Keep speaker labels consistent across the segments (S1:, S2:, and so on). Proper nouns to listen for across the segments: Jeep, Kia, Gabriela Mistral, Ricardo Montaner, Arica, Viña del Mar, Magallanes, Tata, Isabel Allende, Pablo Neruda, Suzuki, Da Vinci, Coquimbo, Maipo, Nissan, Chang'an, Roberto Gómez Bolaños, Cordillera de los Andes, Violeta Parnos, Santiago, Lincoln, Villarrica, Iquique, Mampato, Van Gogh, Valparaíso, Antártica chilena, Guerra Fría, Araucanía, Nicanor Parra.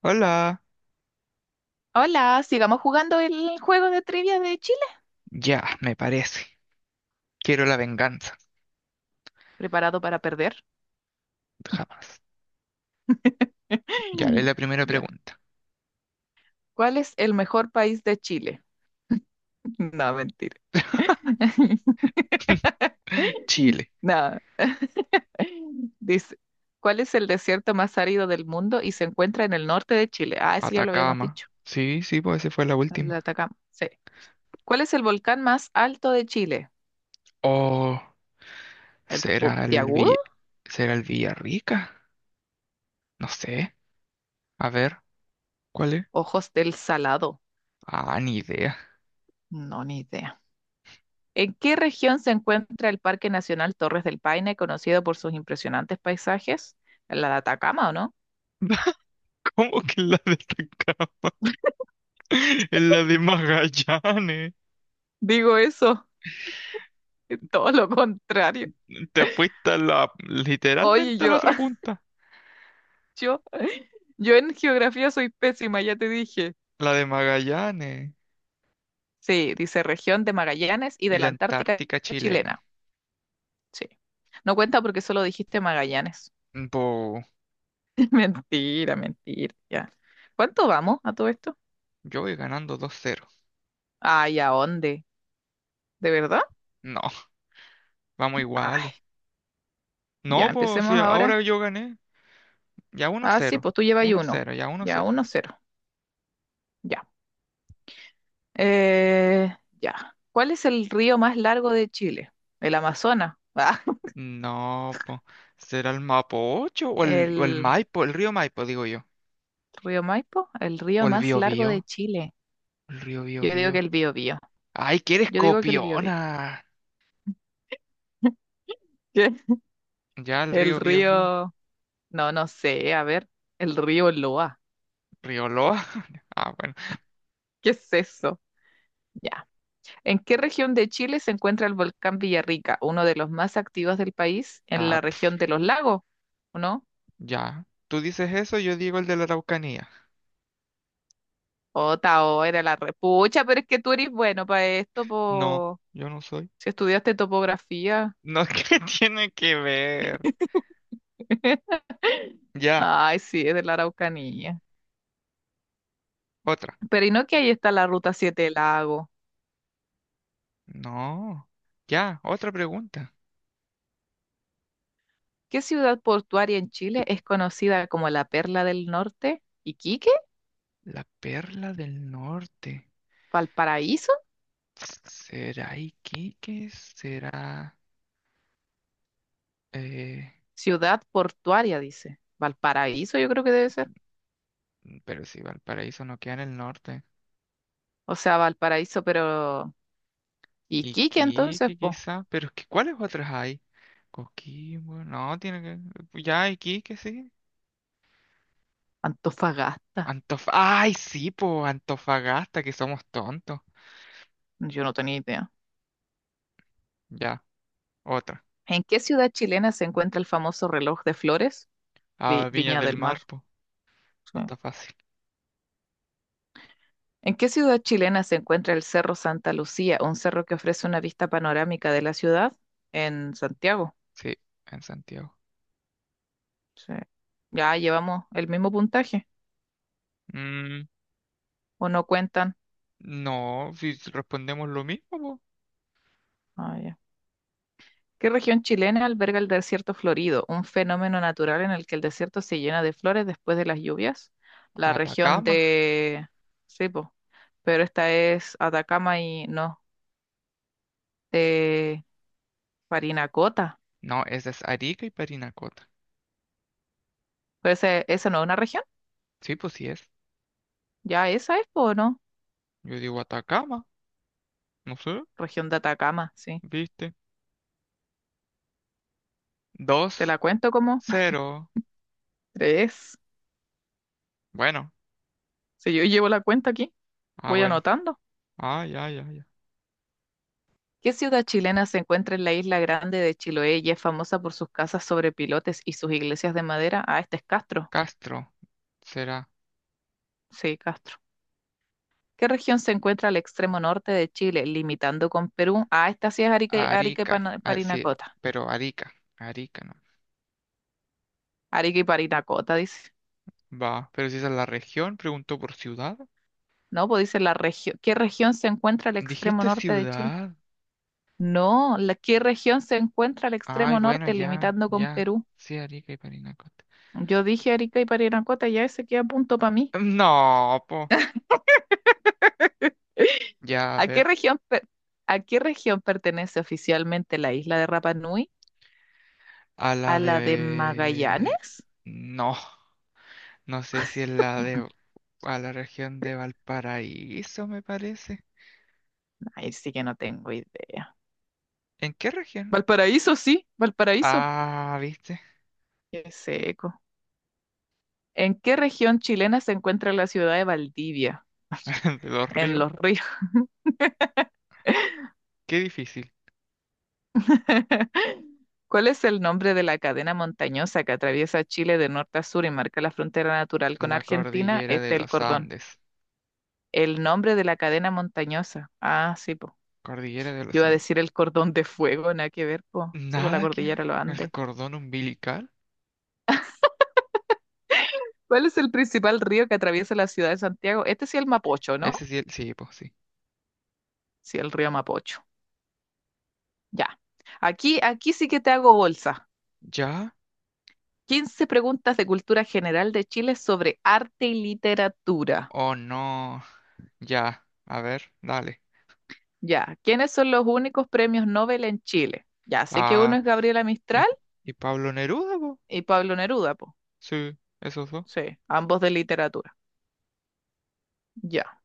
S1: Hola,
S2: Hola, sigamos jugando el juego de trivia de Chile.
S1: ya, me parece. Quiero la venganza.
S2: ¿Preparado para perder?
S1: Jamás. Ya, es la primera
S2: Ya.
S1: pregunta.
S2: ¿Cuál es el mejor país de Chile? No, mentira.
S1: Chile,
S2: No. Dice, ¿cuál es el desierto más árido del mundo y se encuentra en el norte de Chile? Ah, eso ya lo habíamos
S1: Atacama.
S2: dicho.
S1: Sí, sí, pues esa fue la
S2: El de
S1: última.
S2: Atacama. Sí. ¿Cuál es el volcán más alto de Chile?
S1: O
S2: ¿El
S1: será el
S2: Puntiagudo?
S1: Vi- será el Villarrica. No sé. A ver, ¿cuál es?
S2: ¿Ojos del Salado?
S1: Ah, ni idea.
S2: No, ni idea. ¿En qué región se encuentra el Parque Nacional Torres del Paine, conocido por sus impresionantes paisajes? ¿La de Atacama o no?
S1: ¿Cómo que la de Atacama? Es la de Magallanes.
S2: Digo eso, es todo lo contrario.
S1: Te fuiste a
S2: Oye,
S1: literalmente a la
S2: yo,
S1: otra punta.
S2: yo, yo en geografía soy pésima, ya te dije.
S1: La de Magallanes
S2: Sí, dice región de Magallanes y
S1: y
S2: de
S1: la
S2: la Antártica
S1: Antártica
S2: chilena.
S1: chilena.
S2: Sí. No cuenta porque solo dijiste Magallanes. Mentira, mentira, ya. ¿Cuánto vamos a todo esto?
S1: Yo voy ganando 2-0.
S2: Ay, ¿a dónde? ¿De verdad?
S1: No, vamos
S2: Ay,
S1: iguales.
S2: ya,
S1: No, pues
S2: empecemos
S1: si
S2: ahora.
S1: ahora yo gané, ya
S2: Ah, sí,
S1: 1-0.
S2: pues tú llevas ahí uno.
S1: 1-0, ya
S2: Ya,
S1: 1-0.
S2: uno cero. Ya. Eh, ya. ¿Cuál es el río más largo de Chile? El Amazonas. Ah,
S1: No, pues será el Mapocho o o el
S2: el
S1: Maipo, el río Maipo, digo yo.
S2: río Maipo, el
S1: O
S2: río
S1: el
S2: más largo
S1: Biobío,
S2: de Chile.
S1: el río
S2: Yo digo que
S1: Biobío.
S2: el Biobío.
S1: Ay, que eres
S2: Yo digo que el Biobío.
S1: copiona.
S2: ¿Qué?
S1: Ya el
S2: El
S1: río Biobío.
S2: río. No, no sé. A ver, el río Loa.
S1: Río Loa. Ah, bueno.
S2: ¿Qué es eso? Ya. ¿En qué región de Chile se encuentra el volcán Villarrica, uno de los más activos del país en
S1: Ah,
S2: la región de los lagos? ¿O no?
S1: ya. Tú dices eso, yo digo el de la Araucanía.
S2: Ota, oh, era la repucha, pero es que tú eres bueno para esto,
S1: No,
S2: po.
S1: yo no soy.
S2: Si estudiaste topografía.
S1: No, ¿qué tiene que ver? Ya,
S2: Ay, sí, es de la Araucanía.
S1: otra.
S2: Pero ¿y no que ahí está la Ruta 7 Lago?
S1: No. Ya, otra pregunta.
S2: ¿Qué ciudad portuaria en Chile es conocida como la Perla del Norte? ¿Iquique?
S1: La perla del norte.
S2: ¿Valparaíso?
S1: ¿Será Iquique? Eh,
S2: Ciudad portuaria, dice. Valparaíso yo creo que debe ser.
S1: pero si Valparaíso no queda en el norte.
S2: O sea, Valparaíso, pero... ¿Iquique entonces,
S1: Iquique
S2: po?
S1: quizá. Pero es que ¿cuáles otras hay? Coquimbo. No, pues, ya, Iquique, sí.
S2: Antofagasta.
S1: Ay, sí, po. Antofagasta, que somos tontos.
S2: Yo no tenía idea.
S1: Ya, otra.
S2: ¿En qué ciudad chilena se encuentra el famoso reloj de flores?
S1: Ah, Viña
S2: Viña
S1: del
S2: del Mar.
S1: Mar, po.
S2: Sí.
S1: Está fácil.
S2: ¿En qué ciudad chilena se encuentra el Cerro Santa Lucía, un cerro que ofrece una vista panorámica de la ciudad? En Santiago.
S1: Sí, en Santiago.
S2: Sí. Ya llevamos el mismo puntaje,
S1: Mm,
S2: ¿o no cuentan?
S1: no, si respondemos lo mismo, po.
S2: Ah, ya. ¿Qué región chilena alberga el desierto florido, un fenómeno natural en el que el desierto se llena de flores después de las lluvias? La región
S1: Atacama.
S2: de... Sí, po. Pero esta es Atacama y no. De Parinacota.
S1: No, esa es Arica y Parinacota.
S2: Pues ese, esa no es una región.
S1: Sí, pues sí es.
S2: Ya esa es, po, ¿o no?
S1: Yo digo Atacama. No sé,
S2: Región de Atacama, sí.
S1: ¿viste?
S2: Te
S1: Dos,
S2: la cuento como
S1: cero.
S2: tres.
S1: Bueno,
S2: Si yo llevo la cuenta aquí,
S1: ah,
S2: voy
S1: bueno.
S2: anotando.
S1: Ah, ya, ya, ya.
S2: ¿Qué ciudad chilena se encuentra en la isla grande de Chiloé y es famosa por sus casas sobre pilotes y sus iglesias de madera? Ah, este es Castro.
S1: Castro será
S2: Sí, Castro. ¿Qué región se encuentra al extremo norte de Chile, limitando con Perú? Ah, esta sí es Arica, Arica y
S1: Arica. Ah, sí,
S2: Parinacota.
S1: pero Arica. Arica, no.
S2: Arica y Parinacota, dice.
S1: Va, pero si esa es la región, preguntó por ciudad.
S2: No, pues dice la región. ¿Qué región se encuentra al extremo
S1: Dijiste
S2: norte de Chile?
S1: ciudad.
S2: No, ¿la qué región se encuentra al
S1: Ay,
S2: extremo
S1: bueno,
S2: norte,
S1: ya,
S2: limitando con
S1: ya.
S2: Perú?
S1: Sí, Arica y Parinacota.
S2: Yo dije Arica y Parinacota, ya ese queda punto para mí.
S1: No, po. Ya, a
S2: ¿A qué
S1: ver.
S2: región, per- ¿A qué región pertenece oficialmente la isla de Rapa Nui?
S1: A la
S2: ¿A la de
S1: de...
S2: Magallanes?
S1: No, no sé si es la de... A la región de Valparaíso, me parece.
S2: Ahí sí que no tengo idea.
S1: ¿En qué región?
S2: Valparaíso, sí, Valparaíso.
S1: Ah, ¿viste?
S2: Qué seco. ¿En qué región chilena se encuentra la ciudad de Valdivia?
S1: De los
S2: En
S1: ríos.
S2: los ríos.
S1: Qué difícil.
S2: ¿Cuál es el nombre de la cadena montañosa que atraviesa Chile de norte a sur y marca la frontera natural con
S1: La
S2: Argentina?
S1: cordillera de
S2: Este es el
S1: los
S2: cordón.
S1: Andes.
S2: El nombre de la cadena montañosa. Ah, sí, po.
S1: Cordillera de
S2: Yo
S1: los
S2: iba a
S1: Andes.
S2: decir el cordón de fuego, nada que ver, po. Sí, po, la
S1: Nada que ver.
S2: cordillera de los
S1: ¿El
S2: Andes.
S1: cordón umbilical?
S2: ¿Cuál es el principal río que atraviesa la ciudad de Santiago? Este sí es el Mapocho, ¿no?
S1: Ese sí, sí, pues sí.
S2: Sí, el río Mapocho. Ya. Aquí sí que te hago bolsa.
S1: ¿Ya
S2: 15 preguntas de cultura general de Chile sobre arte y literatura.
S1: o no? Ya. A ver, dale.
S2: Ya, ¿quiénes son los únicos premios Nobel en Chile? Ya, sé que uno
S1: Ah,
S2: es Gabriela
S1: mis-
S2: Mistral
S1: ¿y Pablo Neruda, po?
S2: y Pablo Neruda, po.
S1: Sí, esos dos.
S2: Sí, ambos de literatura. Ya.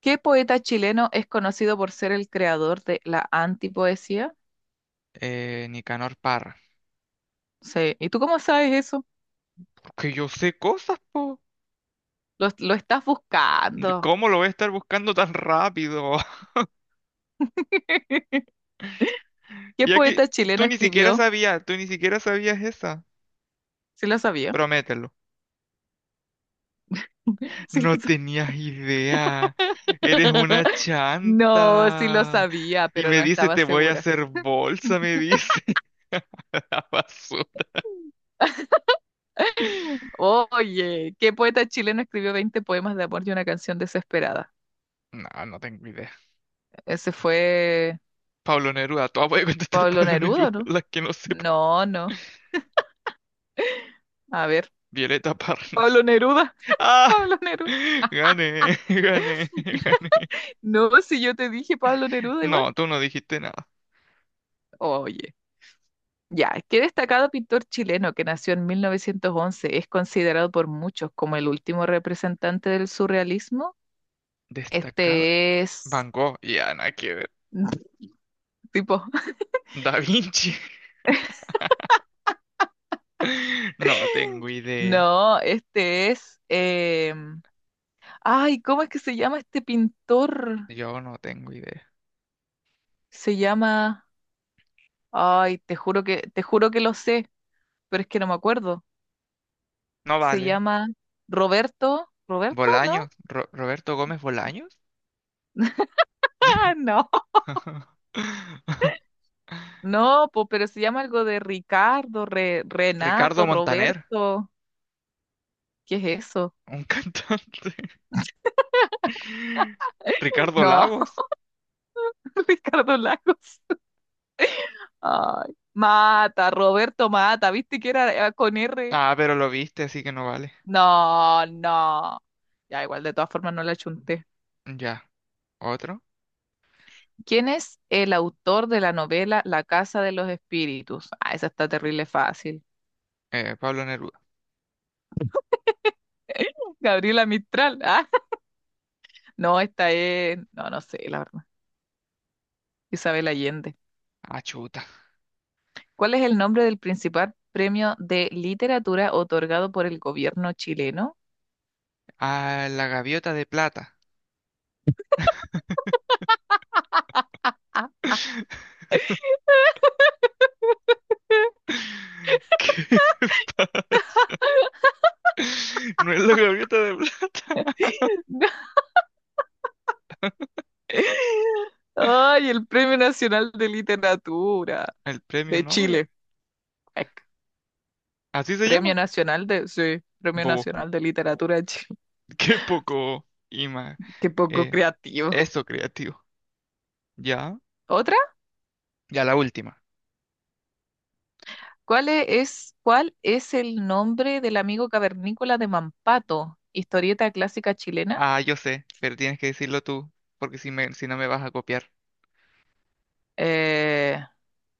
S2: ¿Qué poeta chileno es conocido por ser el creador de la antipoesía?
S1: Nicanor Parra.
S2: Sí, ¿y tú cómo sabes eso?
S1: Que yo sé cosas, po.
S2: Lo estás buscando.
S1: ¿Cómo lo voy a estar buscando tan rápido?
S2: ¿Qué
S1: Ya que
S2: poeta chileno escribió?
S1: tú ni siquiera sabías esa.
S2: Sí lo sabía.
S1: Promételo.
S2: Sí
S1: No
S2: lo sa-
S1: tenías idea. Eres una
S2: No, sí lo
S1: chanta.
S2: sabía,
S1: Y
S2: pero
S1: me
S2: no
S1: dice,
S2: estaba
S1: te voy a
S2: segura.
S1: hacer bolsa, me dice. La basura.
S2: Oye, ¿qué poeta chileno escribió 20 poemas de amor y una canción desesperada?
S1: No, no tengo idea.
S2: Ese fue
S1: Pablo Neruda, todas voy a contestar
S2: Pablo
S1: Pablo
S2: Neruda,
S1: Neruda,
S2: ¿no?
S1: las que no sepan.
S2: No, no. A ver,
S1: Violeta
S2: Pablo
S1: Parnos.
S2: Neruda,
S1: ¡Ah!
S2: Pablo Neruda.
S1: Gané, gané, gané.
S2: No, si yo te dije Pablo Neruda igual.
S1: No, tú no dijiste nada.
S2: Oye, ya, qué destacado pintor chileno que nació en 1911 es considerado por muchos como el último representante del surrealismo.
S1: Destacado.
S2: Este es,
S1: Van Gogh, ya nada que ver.
S2: tipo,
S1: Da Vinci. No tengo idea.
S2: no, este es, ay, ¿cómo es que se llama este pintor?
S1: Yo no tengo idea.
S2: Se llama, ay, te juro que lo sé, pero es que no me acuerdo.
S1: No
S2: Se
S1: vale.
S2: llama Roberto. ¿Roberto? ¿No?
S1: Bolaños. Roberto Gómez Bolaños.
S2: Ah, no. No, po, pero se llama algo de Ricardo,
S1: Ricardo
S2: Renato,
S1: Montaner.
S2: Roberto. ¿Qué es eso?
S1: Un cantante. Ricardo
S2: No,
S1: Lagos.
S2: Ricardo Lagos. Ay, Mata, Roberto Mata, ¿viste que era con R?
S1: Ah, pero lo viste, así que no vale.
S2: No, no. Ya igual, de todas formas no la chunté.
S1: Ya. Otro.
S2: ¿Quién es el autor de la novela La Casa de los Espíritus? Ah, esa está terrible fácil.
S1: Pablo Neruda.
S2: Gabriela Mistral. Ah, no, esta es, no, no sé, la verdad. Isabel Allende.
S1: Ah, chuta.
S2: ¿Cuál es el nombre del principal premio de literatura otorgado por el gobierno chileno?
S1: Ah, la gaviota de plata. ¿Qué pasa? No es la gaviota de plata.
S2: Ay, el Premio Nacional de Literatura
S1: El premio
S2: de
S1: Nobel.
S2: Chile. Ec.
S1: Así se
S2: Premio
S1: llama.
S2: Nacional de, sí, Premio
S1: Bobo.
S2: Nacional de Literatura de Chile.
S1: Qué poco ima.
S2: Qué poco
S1: eh,
S2: creativo.
S1: eso creativo. Ya.
S2: ¿Otra?
S1: Ya la última.
S2: ¿Cuál es el nombre del amigo cavernícola de Mampato? Historieta clásica chilena.
S1: Ah, yo sé, pero tienes que decirlo tú, porque si no me vas a copiar.
S2: Eh,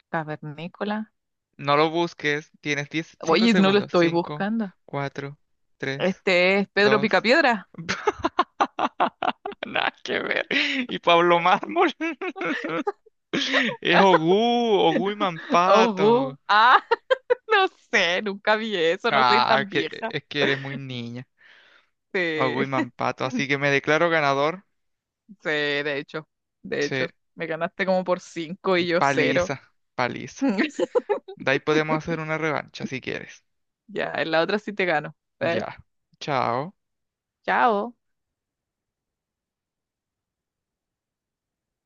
S2: cavernícola.
S1: No lo busques. Tienes 10, 5
S2: Oye, no lo
S1: segundos.
S2: estoy
S1: 5,
S2: buscando.
S1: 4, 3,
S2: Este es Pedro
S1: 2.
S2: Picapiedra.
S1: Nada que ver. Y Pablo Mármol. Es Ogú y
S2: Oh, bu.
S1: Mampato.
S2: Ah, no sé, nunca vi eso, no soy
S1: Ah,
S2: tan vieja.
S1: es que eres muy niña.
S2: Sí,
S1: Ogui Mampato. Así que me declaro ganador.
S2: sí, de hecho, de
S1: Sí,
S2: hecho, me ganaste como por cinco y yo cero.
S1: paliza, paliza. De ahí podemos hacer una revancha si quieres.
S2: Ya, en la otra sí te gano.
S1: Ya. Chao.
S2: Chao.